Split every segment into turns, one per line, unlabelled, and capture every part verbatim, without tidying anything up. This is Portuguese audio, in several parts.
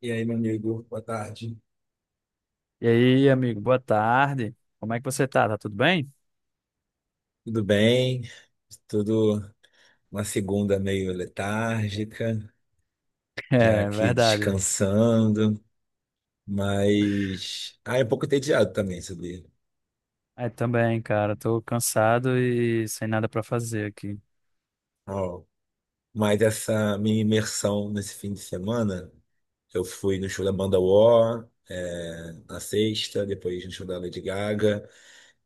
E aí, meu amigo, boa tarde.
E aí, amigo, boa tarde. Como é que você tá? Tá tudo bem?
Tudo bem? Tudo Uma segunda meio letárgica, já
É,
aqui
verdade.
descansando, mas ah, é um pouco entediado também, sabia?
É, também, cara, tô cansado e sem nada pra fazer aqui.
Ó, mas essa minha imersão nesse fim de semana, eu fui no show da banda War, é, na sexta, depois no show da Lady Gaga,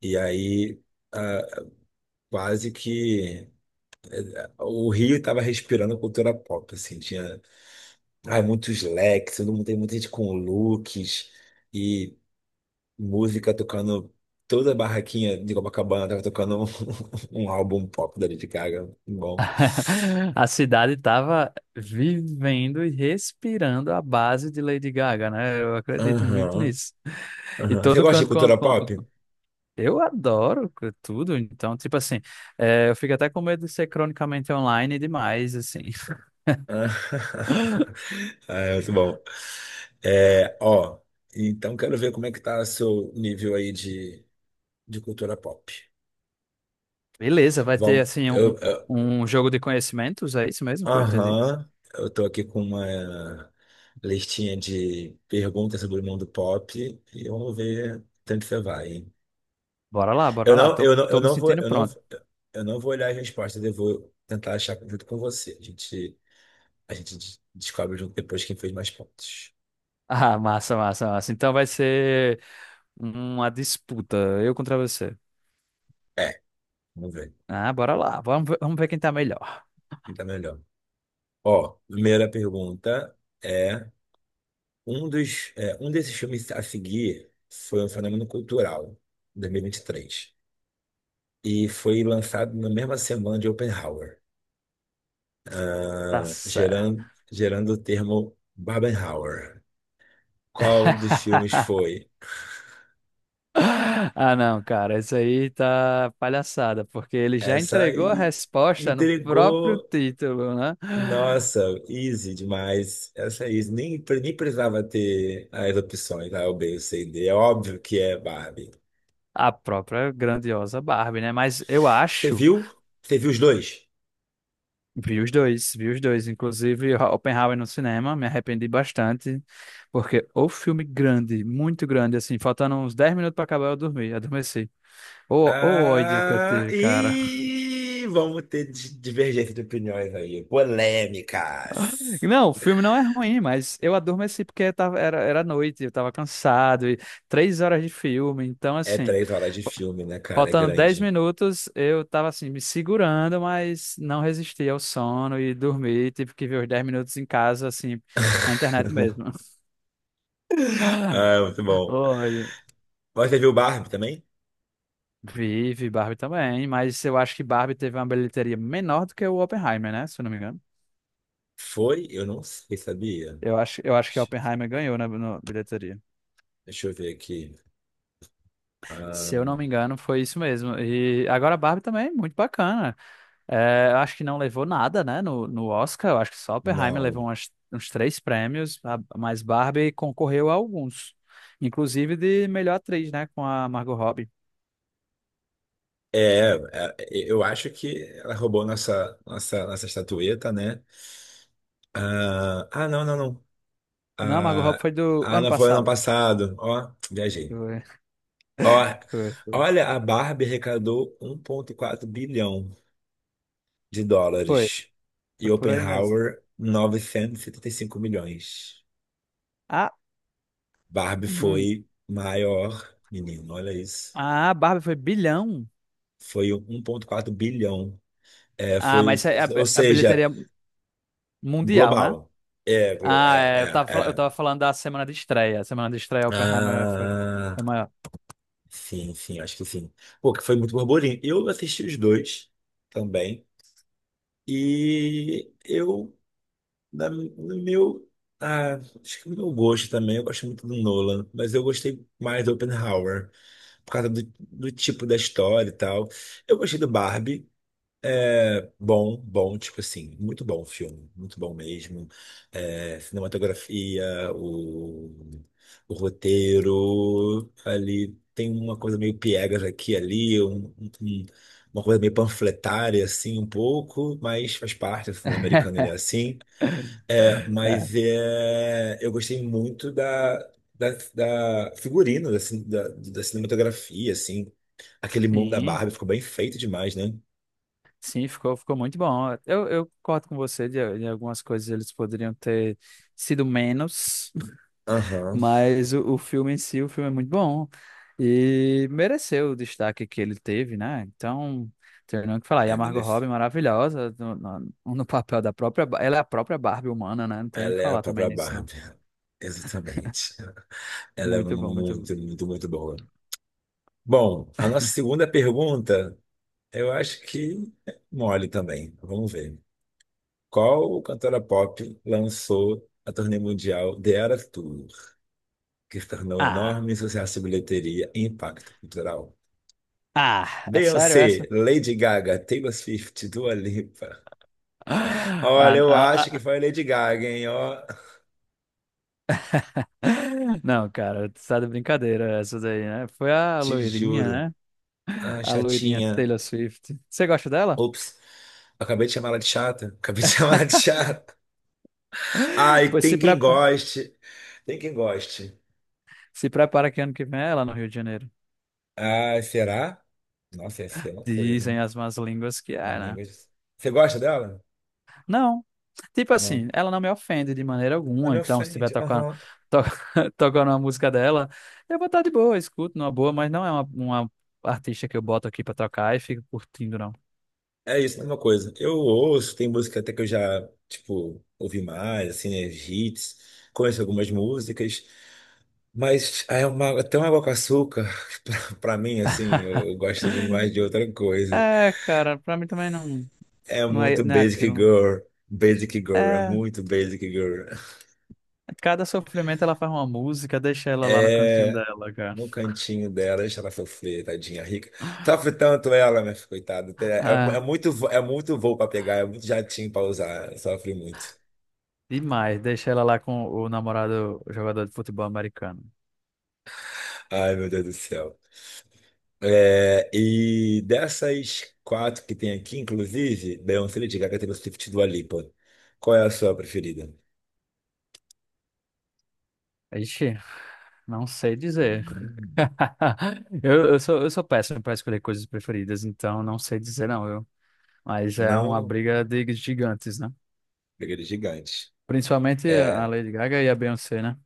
e aí ah, quase que o Rio estava respirando cultura pop, assim, tinha, ai, muitos leques, todo mundo tem muita gente com looks e música tocando. Toda a barraquinha de Copacabana tava tocando um, um álbum pop da Lady Gaga. Bom.
A cidade tava vivendo e respirando a base de Lady Gaga, né? Eu acredito muito
Aham,
nisso. E
aham. Você
todo
gosta de
canto com,
cultura
com-
pop?
Eu adoro c- tudo, então, tipo assim, é, eu fico até com medo de ser cronicamente online demais, assim.
Ah, ah, é muito bom. É, ó, então quero ver como é que tá seu nível aí de, de cultura pop.
Beleza, vai ter,
Vamos,
assim, um,
eu eu-
um um jogo de conhecimentos, é isso mesmo que eu entendi?
aham, eu tô aqui com uma listinha de perguntas sobre o mundo pop e vamos ver tanto você vai, hein?
Bora lá,
Eu
bora lá.
não,
Tô,
eu não, eu
tô me
não vou,
sentindo
eu não,
pronto.
eu não vou olhar as respostas, eu vou tentar achar junto com você. A gente, a gente de- descobre junto depois quem fez mais pontos.
Ah, massa, massa, massa. Então vai ser uma disputa, eu contra você.
É, vamos ver
Ah, bora lá. Vamos ver, vamos ver quem tá melhor.
quem tá melhor. Ó, primeira pergunta é um dos, é, um desses filmes a seguir foi um fenômeno cultural, dois mil e e vinte e três, e foi lançado na mesma semana de Oppenheimer,
Tá
ah,
certo.
gerando, gerando o termo Barbenheimer. Qual dos filmes foi?
Ah, não, cara, isso aí tá palhaçada, porque ele já
Essa
entregou a
aí
resposta no próprio
intrigou.
título, né?
Nossa, easy demais. Essa é easy. Nem, pre- nem precisava ter as opções, A, o B, o C e D. É óbvio que é Barbie.
A própria grandiosa Barbie, né? Mas eu
Você
acho.
viu? Você viu os dois?
Vi os dois, vi os dois. Inclusive, Ho- Oppenheimer no cinema, me arrependi bastante, porque o filme grande, muito grande, assim, faltando uns dez minutos para acabar, eu dormi, adormeci. O, o ódio que eu
Ah,
tive, cara.
e vamos ter di- divergência de opiniões aí. Polêmicas.
Não, o filme não é ruim, mas eu adormeci porque tava, era, era noite, eu tava cansado, e três horas de filme, então,
É
assim,
três horas de
fa-
filme, né, cara? É
faltando dez
grande.
minutos, eu tava, assim, me segurando, mas não resisti ao sono e dormi, tive que ver os dez minutos em casa, assim, na internet mesmo.
Ah, é muito bom.
Olha,
Você viu Barbie também?
vive Barbie também, mas eu acho que Barbie teve uma bilheteria menor do que o Oppenheimer, né? Se eu não me engano.
Foi? Eu não sei, sabia?
Eu acho, eu acho que
Deixa
Oppenheimer ganhou na, na bilheteria.
deixa eu ver aqui. Ah,
Se eu não me engano, foi isso mesmo. E agora Barbie também, é muito bacana. É, eu acho que não levou nada, né, no, no Oscar. Eu acho que só Oppenheimer levou
não.
umas- uns três prêmios, a- mas Barbie concorreu a alguns. Inclusive de melhor atriz, né, com a Margot Robbie.
É, é, é, eu acho que ela roubou nossa, nossa, nossa estatueta, né? Ah, ah, não, não, não.
Não, a Margot
Ah,
Robbie foi do
ah,
ano
não foi ano
passado.
passado. Ó, viajei.
Foi,
Ó,
foi, foi.
olha, a Barbie arrecadou um vírgula quatro bilhão de
Foi,
dólares e
foi por aí mesmo.
Oppenheimer novecentos e setenta e cinco milhões.
A-
Barbie
Hum.
foi maior, menino, olha isso.
Ah, a Barbie foi bilhão.
Foi um ponto quatro bilhão. É,
Ah,
foi,
mas isso é a,
ou
a
seja,
bilheteria mundial, né?
global. É, glo-
Ah,
é,
é, eu tava,
é,
fal- eu
é.
tava falando da semana de estreia. A semana de estreia Oppenheimer foi,
Ah,
foi maior.
sim, sim, acho que sim. Pô, que foi muito burburinho. Eu assisti os dois também. E eu Da, do meu, ah, acho que do meu gosto também, eu gosto muito do Nolan, mas eu gostei mais do Oppenheimer, por causa do, do tipo da história e tal. Eu gostei do Barbie, é bom, bom, tipo assim, muito bom o filme, muito bom mesmo. É, cinematografia, o, o roteiro, ali tem uma coisa meio piegas aqui e ali, um, um- uma coisa meio panfletária, assim, um pouco, mas faz parte, o cinema americano ele é assim. É,
É,
mas é, eu gostei muito da, da, da figurino, da, cin- da, da cinematografia, assim. Aquele mundo da
sim,
Barbie ficou bem feito demais, né?
sim, ficou, ficou muito bom. Eu, eu concordo com você de, de algumas coisas eles poderiam ter sido menos.
Aham,
Mas o, o filme em si, o filme é muito bom e mereceu o destaque que ele teve, né? Então, tem nem o que falar. E a
é
Margot
beleza.
Robbie é maravilhosa no, no, no papel da própria, Ba- ela é a própria Barbie humana, né? Não tem o que
Ela é a
falar também
própria
nisso, não.
Barbie. Exatamente. Ela é
Muito bom, muito bom.
muito, muito, muito boa. Bom, a nossa segunda pergunta, eu acho que é mole também. Vamos ver. Qual cantora pop lançou a turnê mundial The Eras Tour, que tornou
Ah,
enorme sucesso de bilheteria e impacto cultural?
ah, é sério
Beyoncé,
essa?
Lady Gaga, Taylor Swift, Dua Lipa.
Ah,
Olha, eu
ah,
acho que
ah.
foi a Lady Gaga, hein? Ó,
Não, cara, tu tá de brincadeira essa daí, né? Foi a
te
loirinha,
juro.
né?
Ah,
A loirinha
chatinha.
Taylor Swift. Você gosta dela?
Ops. Acabei de chamar ela de chata. Acabei de chamar ela de chata. Ai,
Pois se
tem quem
prepara.
goste. Tem quem goste.
Se prepara que ano que vem é lá no Rio de Janeiro.
Ai, será? Nossa, ia ser uma coisa,
Dizem
hein?
as más línguas que
Nas
é, né?
línguas. Você gosta dela?
Não. Tipo
Não.
assim, ela não me ofende de maneira
Não
alguma,
me
então se estiver
ofende.
tocando,
Aham.
to- tocando uma música dela, eu vou estar de boa, escuto numa boa, mas não é uma, uma, artista que eu boto aqui pra tocar e fico curtindo, não.
É isso, mesma coisa. Eu ouço, tem música até que eu já, tipo, ouvi mais, assim, né, hits, conheço algumas músicas, mas aí é uma, até uma água com açúcar, pra, pra mim, assim, eu gosto demais de outra coisa.
É, cara, pra mim também não.
É
Não é,
muito
não é
Basic
aquilo.
Girl, Basic Girl, é
É,
muito Basic Girl.
cada sofrimento ela faz uma música, deixa ela lá no cantinho
É,
dela, cara.
no cantinho dela, deixa ela sofrer, tadinha rica. Sofre tanto ela, minha filha, coitada. É, é
Ah,
muito, vo- é muito voo pra pegar, é muito jatinho pra usar, sofre muito.
demais, deixa ela lá com o namorado o jogador de futebol americano.
Ai, meu Deus do céu. É, e dessas quatro que tem aqui, inclusive, Beyoncé, Lady Gaga, Taylor Swift e Dua Lipa. Qual é a sua preferida?
Ixi, não sei dizer.
Hum.
Eu, eu sou, eu sou péssimo para escolher coisas preferidas, então não sei dizer não, eu. Mas é uma
Não?
briga de gigantes, né?
Preferida gigante.
Principalmente a
É,
Lady Gaga e a Beyoncé, né?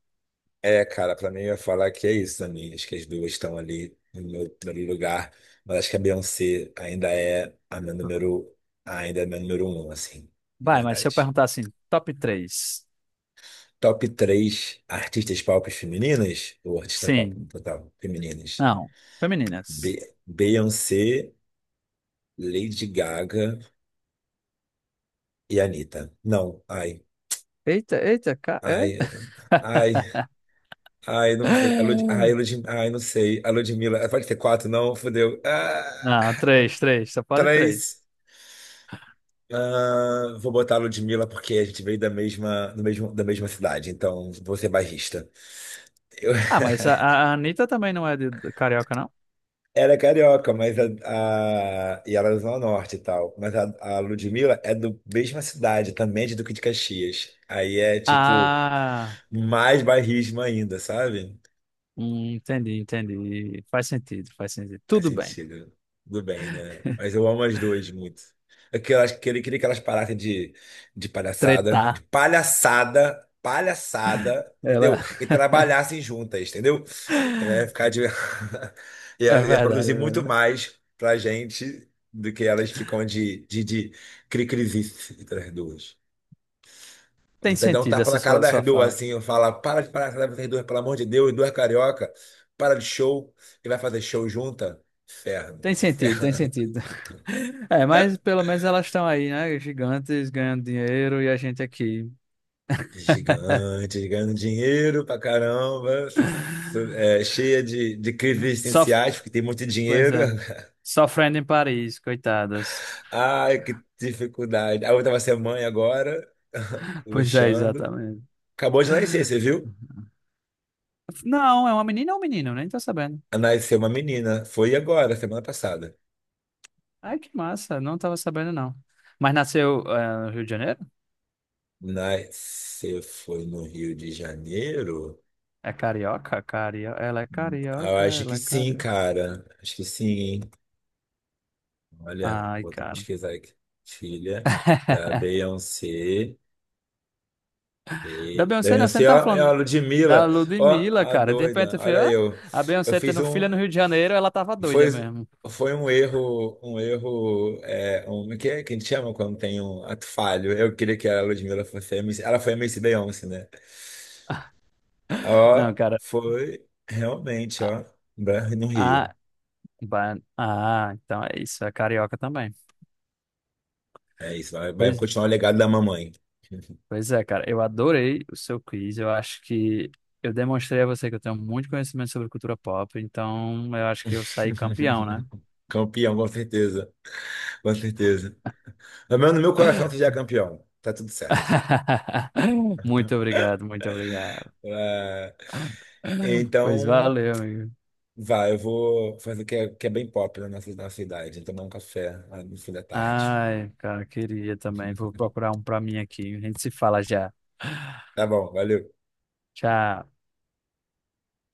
é, cara, pra mim eu ia falar que é isso também. Acho que as duas estão ali no meu primeiro lugar. Mas acho que a Beyoncé ainda é a minha número, ainda é a minha número um, assim, de
Vai, mas se eu
verdade.
perguntar assim, top três,
Top três artistas pop femininas ou artistas pop
Sim.
no total femininas?
Não.
Be
Femininas.
Beyoncé. Lady Gaga e Anitta. Não, ai.
Eita, eita, ca...
Ai,
eita.
ai, ai, não sei. A Lud... Ai, Lud... ai, não sei. A Ludmilla. Eh, pode ter quatro, não? Fudeu. Ah,
Não, três, três. Só pode três.
três. Ah, vou botar a Ludmilla porque a gente veio da mesma, do mesmo, da mesma cidade, então vou ser bairrista. Eu
Ah, mas a, a a Anitta também não é de, de carioca, não?
era carioca, mas a, a- e ela é do Zona Norte e tal. Mas a, a Ludmilla é da mesma cidade, também é de Duque de Caxias. Aí é tipo
Ah,
mais bairrismo ainda, sabe?
hum, entendi, entendi. Faz sentido, faz sentido.
Faz
Tudo bem.
sentido. Tudo bem, né? Mas eu amo as duas muito. Aquelas, queria, queria que elas parassem de, de palhaçada, de
Tretar.
palhaçada, palhaçada, entendeu?
Ela...
E trabalhassem juntas, entendeu? É, ficar de... ia,
É
ia
verdade,
produzir
é
muito
verdade.
mais pra gente do que elas ficam de, de, de cri-crizice entre as duas.
Tem
Você dá um
sentido
tapa
essa
na cara
sua,
das
sua
duas,
fala.
assim, eu falo, para de parar com essas duas, pelo amor de Deus, duas carioca, para de show, e vai fazer show junta? Inferno,
Tem sentido, tem
inferno.
sentido. É, mas pelo menos elas estão aí, né? Gigantes, ganhando dinheiro e a gente aqui.
Gigante, ganhando dinheiro pra caramba, su- su- é, cheia de, de crises
Sof...
existenciais, porque tem muito
Pois
dinheiro.
é. Sofrendo em Paris, coitadas.
Ai, que dificuldade. A outra vai ser mãe agora,
Pois é,
luxando.
exatamente.
Acabou de nascer, você viu?
Não, é uma menina ou um menino? Nem tô sabendo.
Nasceu uma menina, foi agora, semana passada.
Ai, que massa, não tava sabendo, não. Mas nasceu, eh, no Rio de Janeiro?
Nasceu, foi no Rio de Janeiro?
É carioca? Cario... Ela é
Ah, eu
carioca,
acho que
ela é
sim,
carioca.
cara. Acho que sim, hein? Olha,
Ai,
vou até
cara.
pesquisar aqui. Filha da Beyoncé.
Da
Be-
Beyoncé, não, você não
Beyoncé,
tava
ó, é a
falando da
Ludmilla. Ó,
Ludmilla,
a
cara. De repente
doida.
eu falei,
Olha
ah,
eu.
a
Eu
Beyoncé
fiz
tendo
um.
filha no Rio de Janeiro, ela tava
Foi,
doida mesmo.
foi um erro. Um erro. É, um, que, é que a gente chama quando tem um ato falho? Eu queria que a Ludmilla fosse a M C. Ela foi a M C Beyoncé, né? Ó,
Não, cara.
foi realmente, ó. Bra- No
Ah,
Rio.
ba- ah, então é isso, é carioca também.
É isso. Vai, vai
Pois,
continuar o legado da mamãe.
pois é, cara. Eu adorei o seu quiz. Eu acho que eu demonstrei a você que eu tenho muito conhecimento sobre cultura pop, então eu acho que eu saí campeão, né?
Campeão, com certeza. Com certeza. Pelo menos no meu coração você já é campeão. Tá tudo certo.
Muito obrigado, muito obrigado.
É,
Pois
então,
valeu, amigo.
vai, eu vou fazer o que é, que é bem pop na nossa, nossa idade. Tomar um café lá no fim da tarde.
Ai, cara, queria também. Vou procurar um pra mim aqui. A gente se fala já.
Tá bom, valeu.
Tchau.